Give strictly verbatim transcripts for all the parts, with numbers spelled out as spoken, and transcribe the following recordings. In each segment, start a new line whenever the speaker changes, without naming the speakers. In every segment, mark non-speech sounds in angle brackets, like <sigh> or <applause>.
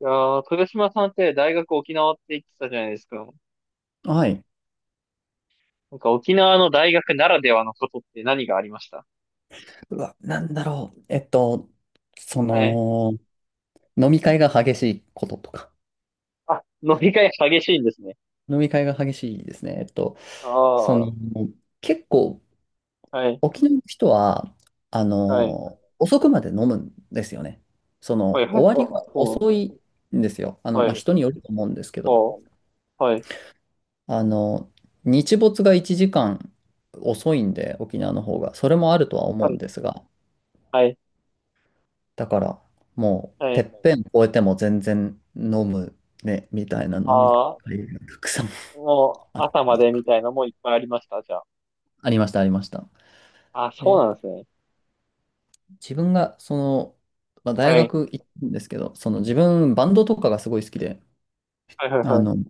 いやー、豊島さんって大学沖縄って言ってたじゃないですか。
はい。
なんか沖縄の大学ならではのことって何がありました？
うわ、なんだろう。えっと、そ
はい。
の、飲み会が激しいこととか。
あ、飲み会激しいんですね。
飲み会が激しいですね。えっと、
あ
その、
あ、
結構、
はい、
沖縄の人は、あ
はい、
の、遅くまで飲むんですよね。そ
はい、
の、
はい、
終
あ、
わりが
そうなん
遅
ですね。
いんですよ。あの、
は
まあ、
い、
人によると思うんですけど、
あ、はい、
あの、日没がいちじかん遅いんで、沖縄の方が。それもあるとは思
は
うん
い、
ですが、
はい、
だから、もう、
は
てっ
い。
ぺん越えても全然飲むね、みたいな飲み
ああ、
会がたくさん
もう
あ、
朝までみたいなのもいっぱいありました、じゃ
ありました、ありました。
あ。あ、そう
で、
なんですね。
自分が、その、まあ、大
はい、
学行ったんですけど、その自分、バンドとかがすごい好きで、
はい、はい、
あ
は
の、
い、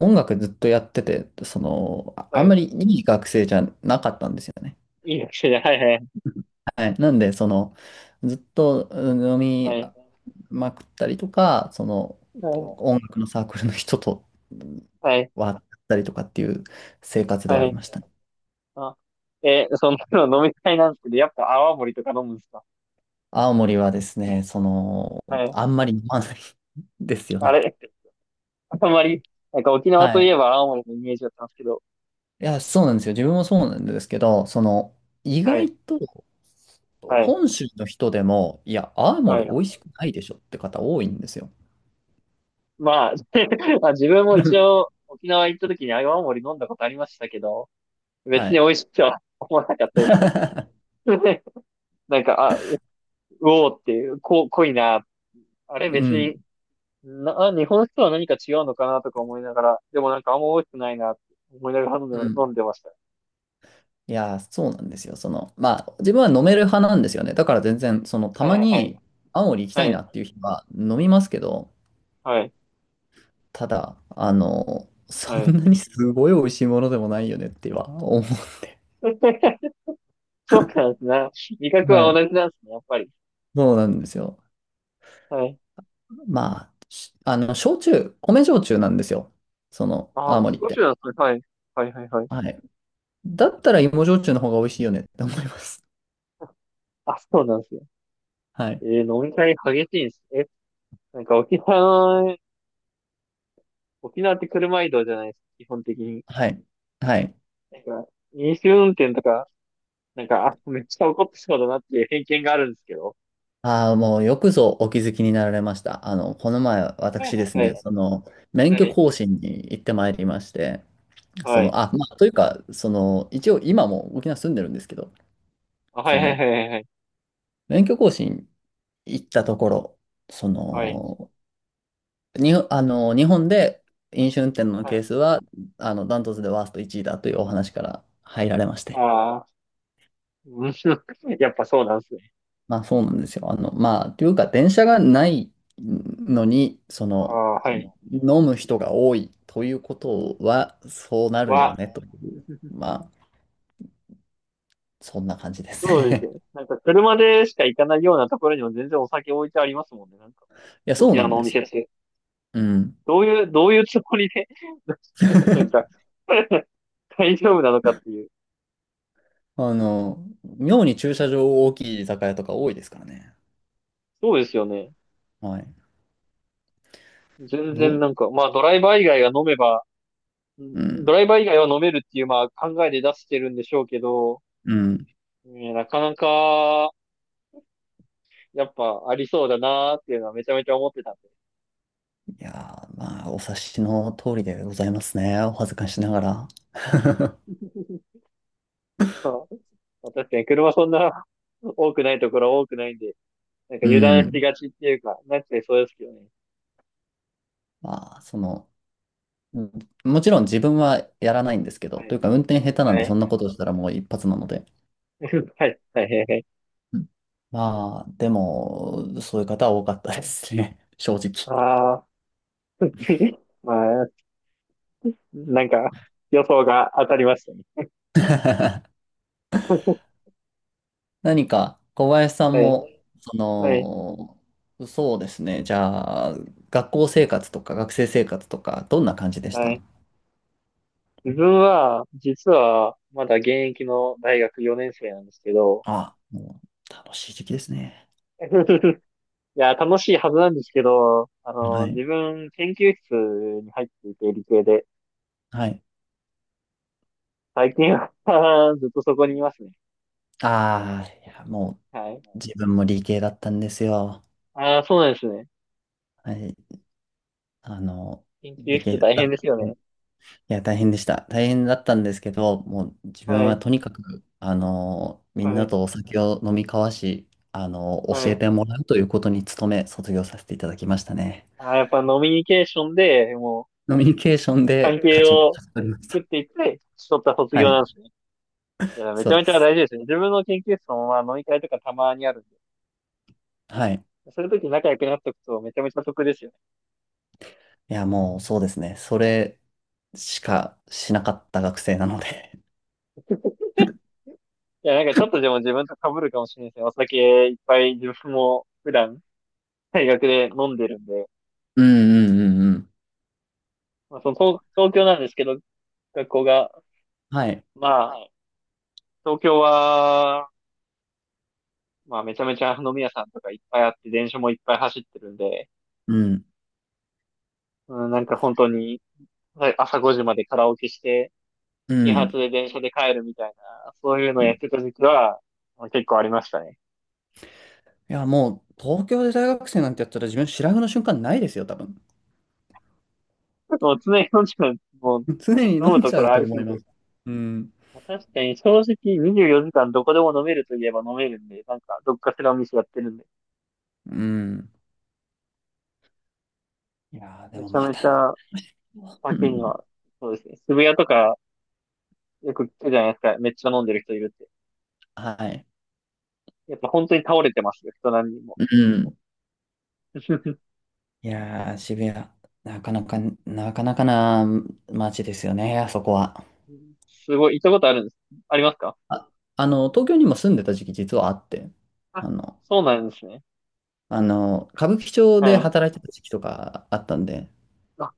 音楽ずっとやってて、その、ああ
は
んま
い。
りいい学生じゃなかったんですよね。
いいですね。はい、はい、
はい。なんで、その、ずっとうん飲
は
み
い、
まくったりとか、その、
はい、
音楽のサークルの人と
はい、
はあったりとかっていう生活ではあ
は
り
い。
ましたね。
あ、えー、そんなの飲みたいなんですけど、やっぱ泡盛とか飲むんですか？
青森はですね、その、
はい。
あんまり飲まない <laughs> ですよ
あ
ね。
れ、あんまり、なんか沖縄
は
といえ
い。
ば泡盛のイメージだったんですけど。
いや、そうなんですよ。自分もそうなんですけど、その、意
はい、
外と、
はい、
本州の人でも、いや、青
は
森
い。
美味しくないでしょって方多いんですよ。
まあ、<laughs> まあ自分も一応
<laughs>
沖縄行った時に泡盛飲んだことありましたけど、別
は
に
い。
美味しいとは思わなかったですね。
<laughs>
<laughs> なんか、あ、うおーっていう、こ、濃いな。あれ
う
別に、
ん。
な、あ日本酒とは何か違うのかなとか思いながら、でもなんかあんま美味しくないなって思いながら飲んで、
うん。
飲んでました。
いや、そうなんですよ。その、まあ、自分は飲
うん
める派なんですよね。だから全然、その、た
はい
ま
はいはい。
に青森行きたい
は
なっ
い
ていう日は飲みますけど、
はい。
ただ、あの、そ
はい。
んなにすごい美味しいものでもないよねっては思う。
<laughs> そうなんですね。味覚
は
は
い。
同じなんですね、やっぱり。
そうなんですよ。
はい。
まあ、しあの、焼酎、米焼酎なんですよ。その、
あ、
青森っ
少し
て。
なんですね。はい。はいはいはい。
はい。だったら芋焼酎の方が美味しいよねって思います。
あ、そうなんですよ。
は
え
い。
ー、飲み会激しいんです。え、なんか沖縄、沖縄って車移動じゃないですか、基本的に。
はい。はい。
なんか、飲酒運転とか、なんか、あ、めっちゃ怒ってそうだなっていう偏見があるんですけど。
ああ、もうよくぞお気づきになられました。あの、この前、
はい。
私です
は
ね、
い。
その、免
は
許
い。
更新に行ってまいりまして、
は
そ
い。
の、あ、まあ、というか、その、一応今も沖縄住んでるんですけど、
あ、はい
そ
はい
の、
はいはい。
免許更新行ったところ、そ
はい。
の、に、あの、日本で飲酒運転の
は
ケー
い。
スは、あの、ダントツでワーストいちいだというお話から入られまして。
ああー、うん <laughs> やっぱそうなんですね。
まあそうなんですよ。あの、まあ、というか、電車がないのに、そ
あ
の、
あ、はい。
飲む人が多いということは、そうなるよ
は、
ね、という、まあ、そんな感じです
そうですよ
ね。
ね。
<laughs>
なんか車でしか行かないようなところにも全然お酒置いてありますもんね。なんか、
いや、そ
沖
うな
縄
ん
のお
です
店
よ。
って。
うん。
どういう、どういうつもりで <laughs> なんか、
<laughs>
<laughs> 大丈夫なのかっていう。
あの、妙に駐車場大きい居酒屋とか多いですからね。
そうですよね。
はい。
全
ど
然
う、
なんか、まあドライバー以外が飲めば、う
う
んド
ん、
ライバー以外は飲めるっていう、まあ考えで出してるんでしょうけど、
うん。
ねなかなか、やっぱありそうだなーっていうのはめちゃめちゃ思ってたんで。
いやー、まあ、お察しの通りでございますね。お恥ずかしながら。<laughs>
まあ確かに車そんな多くないところは多くないんで、なんか
う
油断し
ん。
がちっていうか、なってそうですけどね。
まあ、その、うんもちろん自分はやらないんですけど、
は
と
い。
いうか運転下手なん
は
でそ
い。
んなことしたらもういっぱつなので。
<laughs> はい。はい。はい。
うんまあ、でも、そういう方は多かったですね。<laughs> 正直。
ああー、<laughs> まあ、なんか、予想が当たりましたね。
何か、小林さん
はい。
も、そ
はい。
の、そうですね。じゃあ、学校生活とか学生生活とか、どんな感じでし
は
た？
い。自分は、実は、まだ現役の大学よねん生なんですけど、
あ、もう楽しい時期ですね。
<laughs> いや、楽しいはずなんですけど、あ
は
の、
い。
自分、研究室に入っていて、理系で、
はい。
最近は <laughs> ずっとそこにいますね。
ああ、いや、も
はい。
う自分も理系だったんですよ。
ああ、そうなんですね。
はい。あの、
研究
理
室
系
大
だ
変
っ
で
た。
すよね。
いや、大変でした。大変だったんですけど、もう自分
は
は
い。
とにかく、あの、みん
は
な
い。
とお酒を飲み交わし、あの、
は
教え
い。
てもらうということに努め、卒業させていただきましたね。
あー、やっぱノミニケーションで、も
コミュニケーション
う、関
で
係
勝ち、
を
勝ち取りまし
作
た。
っていって、取った卒
は
業
い。
なんですね。いや、め
そ
ち
う
ゃ
で
めちゃ
す。
大事ですね。自分の研究室も、まあ、飲み会とかたまにあるんで。
はい。
そういう時仲良くなっとくとめちゃめちゃ得ですよね。
いや、もうそうですね。それしかしなかった学生なので。<laughs>
いや、なんかちょっとでも自分と被るかもしれないですね。お酒いっぱい自分も普段、大学で飲んでるんで。
うんうんうんうん。
まあ、その東、東京なんですけど、学校が、
はい。
まあ、東京は、まあ、めちゃめちゃ飲み屋さんとかいっぱいあって、電車もいっぱい走ってるんで、
うん。
うん、なんか本当に、はい朝ごじまでカラオケして、
う
始
ん。
発で電車で帰るみたいな、そういうのを
う
やっ
ん
てた時期は、まあ結構ありましたね。
いや、もう東京で大学生なんてやったら自分白髪の瞬間ないですよ、多分。
もう常に飲んじゃう、もう、
<laughs> 常に飲
飲む
ん
と
じ
こ
ゃう
ろあ
と
りす
思い
ぎ
ま
て。
す。うん。
まあ確かに正直にじゅうよじかんどこでも飲めるといえば飲めるんで、なんかどっかしらお店やってるんで、
うん。いやー、で
め
も
ちゃ
ま
め
た。
ちゃ
<laughs> う
酒に
ん。
は、そうですね。渋谷とかよく聞くじゃないですか。めっちゃ飲んでる人いるって。
はい。
やっぱ本当に倒れてますよ、人何人も。
うん。
<laughs>
いやー、渋谷、なかなか、なかなかな街ですよね、あそこは。
すごい、行ったことあるんです。ありますか？
あ、あの、東京にも住んでた時期実はあって、
あ、
あの、
そうなんですね。
あの、歌舞伎町で
はい。
働いてた時期とかあったんで、
あ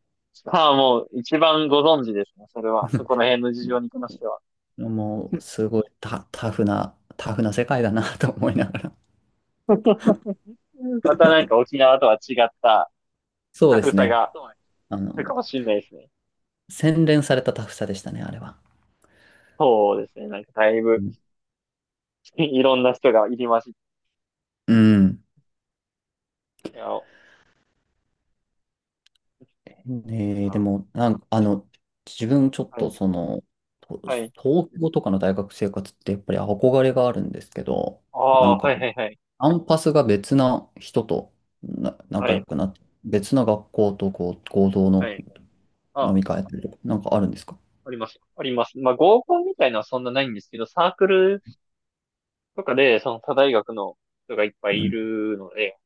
ああ、もう一番ご存知ですね。それは。そこら
<laughs>
辺の事情に関しては。
もうすごいタ、タフな、タフな世界だなと思いながら。
<laughs> またなんか沖縄とは違った
そう
タ
で
フ
す
さ
ね。
がそうね
あ
あるか
の、
もしれないですね。
洗練されたタフさでしたね、あれは。
そうですね。なんかだい
う
ぶ
ん。
<laughs> いろんな人が入りまじっ
うん
て。お
え
い
ーで
や
も、なんか、あの、自分ちょっ
は
と
い。
その、と
はい。
東京とかの大学生活ってやっぱり憧れがあるんですけど、
あ
な
あ、
んか
はい
こう、
はいはい。
アンパスが別な人とな
は
仲良
い。
くなって、別な学校とこう合同
は
の
い。あ
飲
あ、
み会やったりとか、なんかあるんですか？
あります。あります。まあ合コンみたいなのはそんなないんですけど、サークルとかでその他大学の人がいっぱい
う
い
ん。
るので、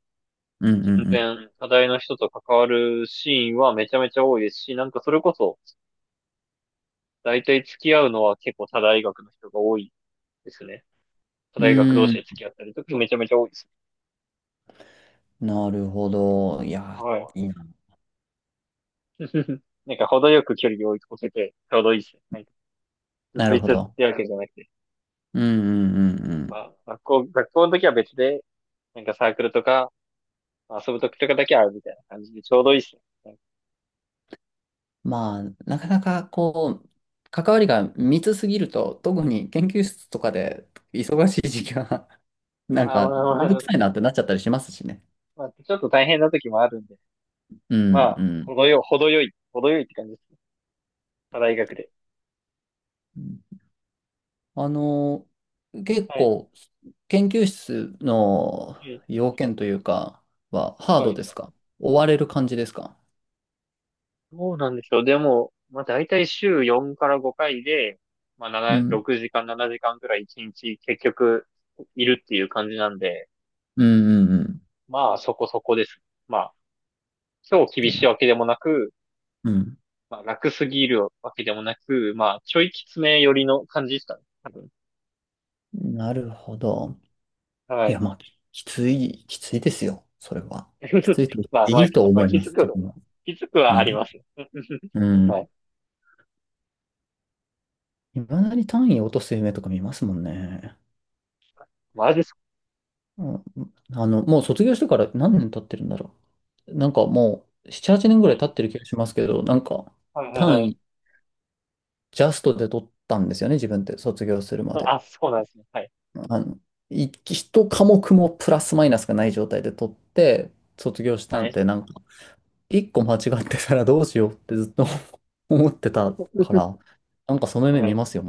うんう
全
ん
然、課題の人と関わるシーンはめちゃめちゃ多いですし、なんかそれこそ、だいたい付き合うのは結構他大学の人が多いですね。他
う
大学同
ん。
士
う
で付
ー
き合ったりとかめちゃめちゃ多いですね。
ん。なるほど。いや、
はい。
いいな。
<laughs> なんか程よく距離を置いてて、ちょうどいいですね。なんかずっ
な
と
る
行っ
ほ
てっ
ど。
てわけじゃなくて。
うんうんうんう
ま
ん。
あ、学校、学校の時は別で、なんかサークルとか、まあ遊ぶ時とかだけ会うみたいな感じでちょうどいいですね。なんか
まあ、なかなかこう、関わりが密すぎると、特に研究室とかで忙しい時期は、<laughs> なん
まあ
か、
まあ
めんど
まあ、
くさいなってなっちゃったりしますしね。
まあ、ちょっと大変な時もあるんで、
う
ま
ん
あ、
う
程よ、程よい、程よいって感じですね。他大学で。
ん。あの、結
はい。
構、研究室の
はい。
要件というかは、ハー
は
ド
い。
ですか？追われる感じですか？
どうなんでしょうでも、まあ、大体週よんからごかいで、まあ、
う
なな、
ん。
ろくじかん、ななじかんくらいいちにち結局いるっていう感じなんで、
うんうんうん。
まあ、そこそこです。まあ、超厳しいわけでもなく、
うん、
まあ、楽すぎるわけでもなく、まあ、ちょいきつめ寄りの感じですかね。多分。
なるほど。い
は
や、
い。
まあ、ききつい、きついですよ。それは。きつい
<laughs>
と言っ
まあ、
て
ま
い
あ、
いと
まあ、
思い
気
ます、
づ
自
く、
分は。
気づくは
う
ありま
ん。
す。<laughs>
う
は
ん。
い。
いまだに単位落とす夢とか見ますもんね。
マジですか？
うん、あの、もう卒業してから何年経ってるんだろう。なんかもう、なな、はちねんぐ
は
らい
い。
経ってる気がしますけど、なんか、
はい、はい、は
単
い。
位、ジャストで取ったんですよね、自分って、卒業するまで。
あ、そうなんですね。はい。
あの、いいっかもくもプラスマイナスがない状態で取って、卒業した
は
ん
い。
で、なんか、いっこ間違ってたらどうしようってずっと <laughs> 思ってたから、
<laughs>
なんかその夢
は
見
い。
ますよ、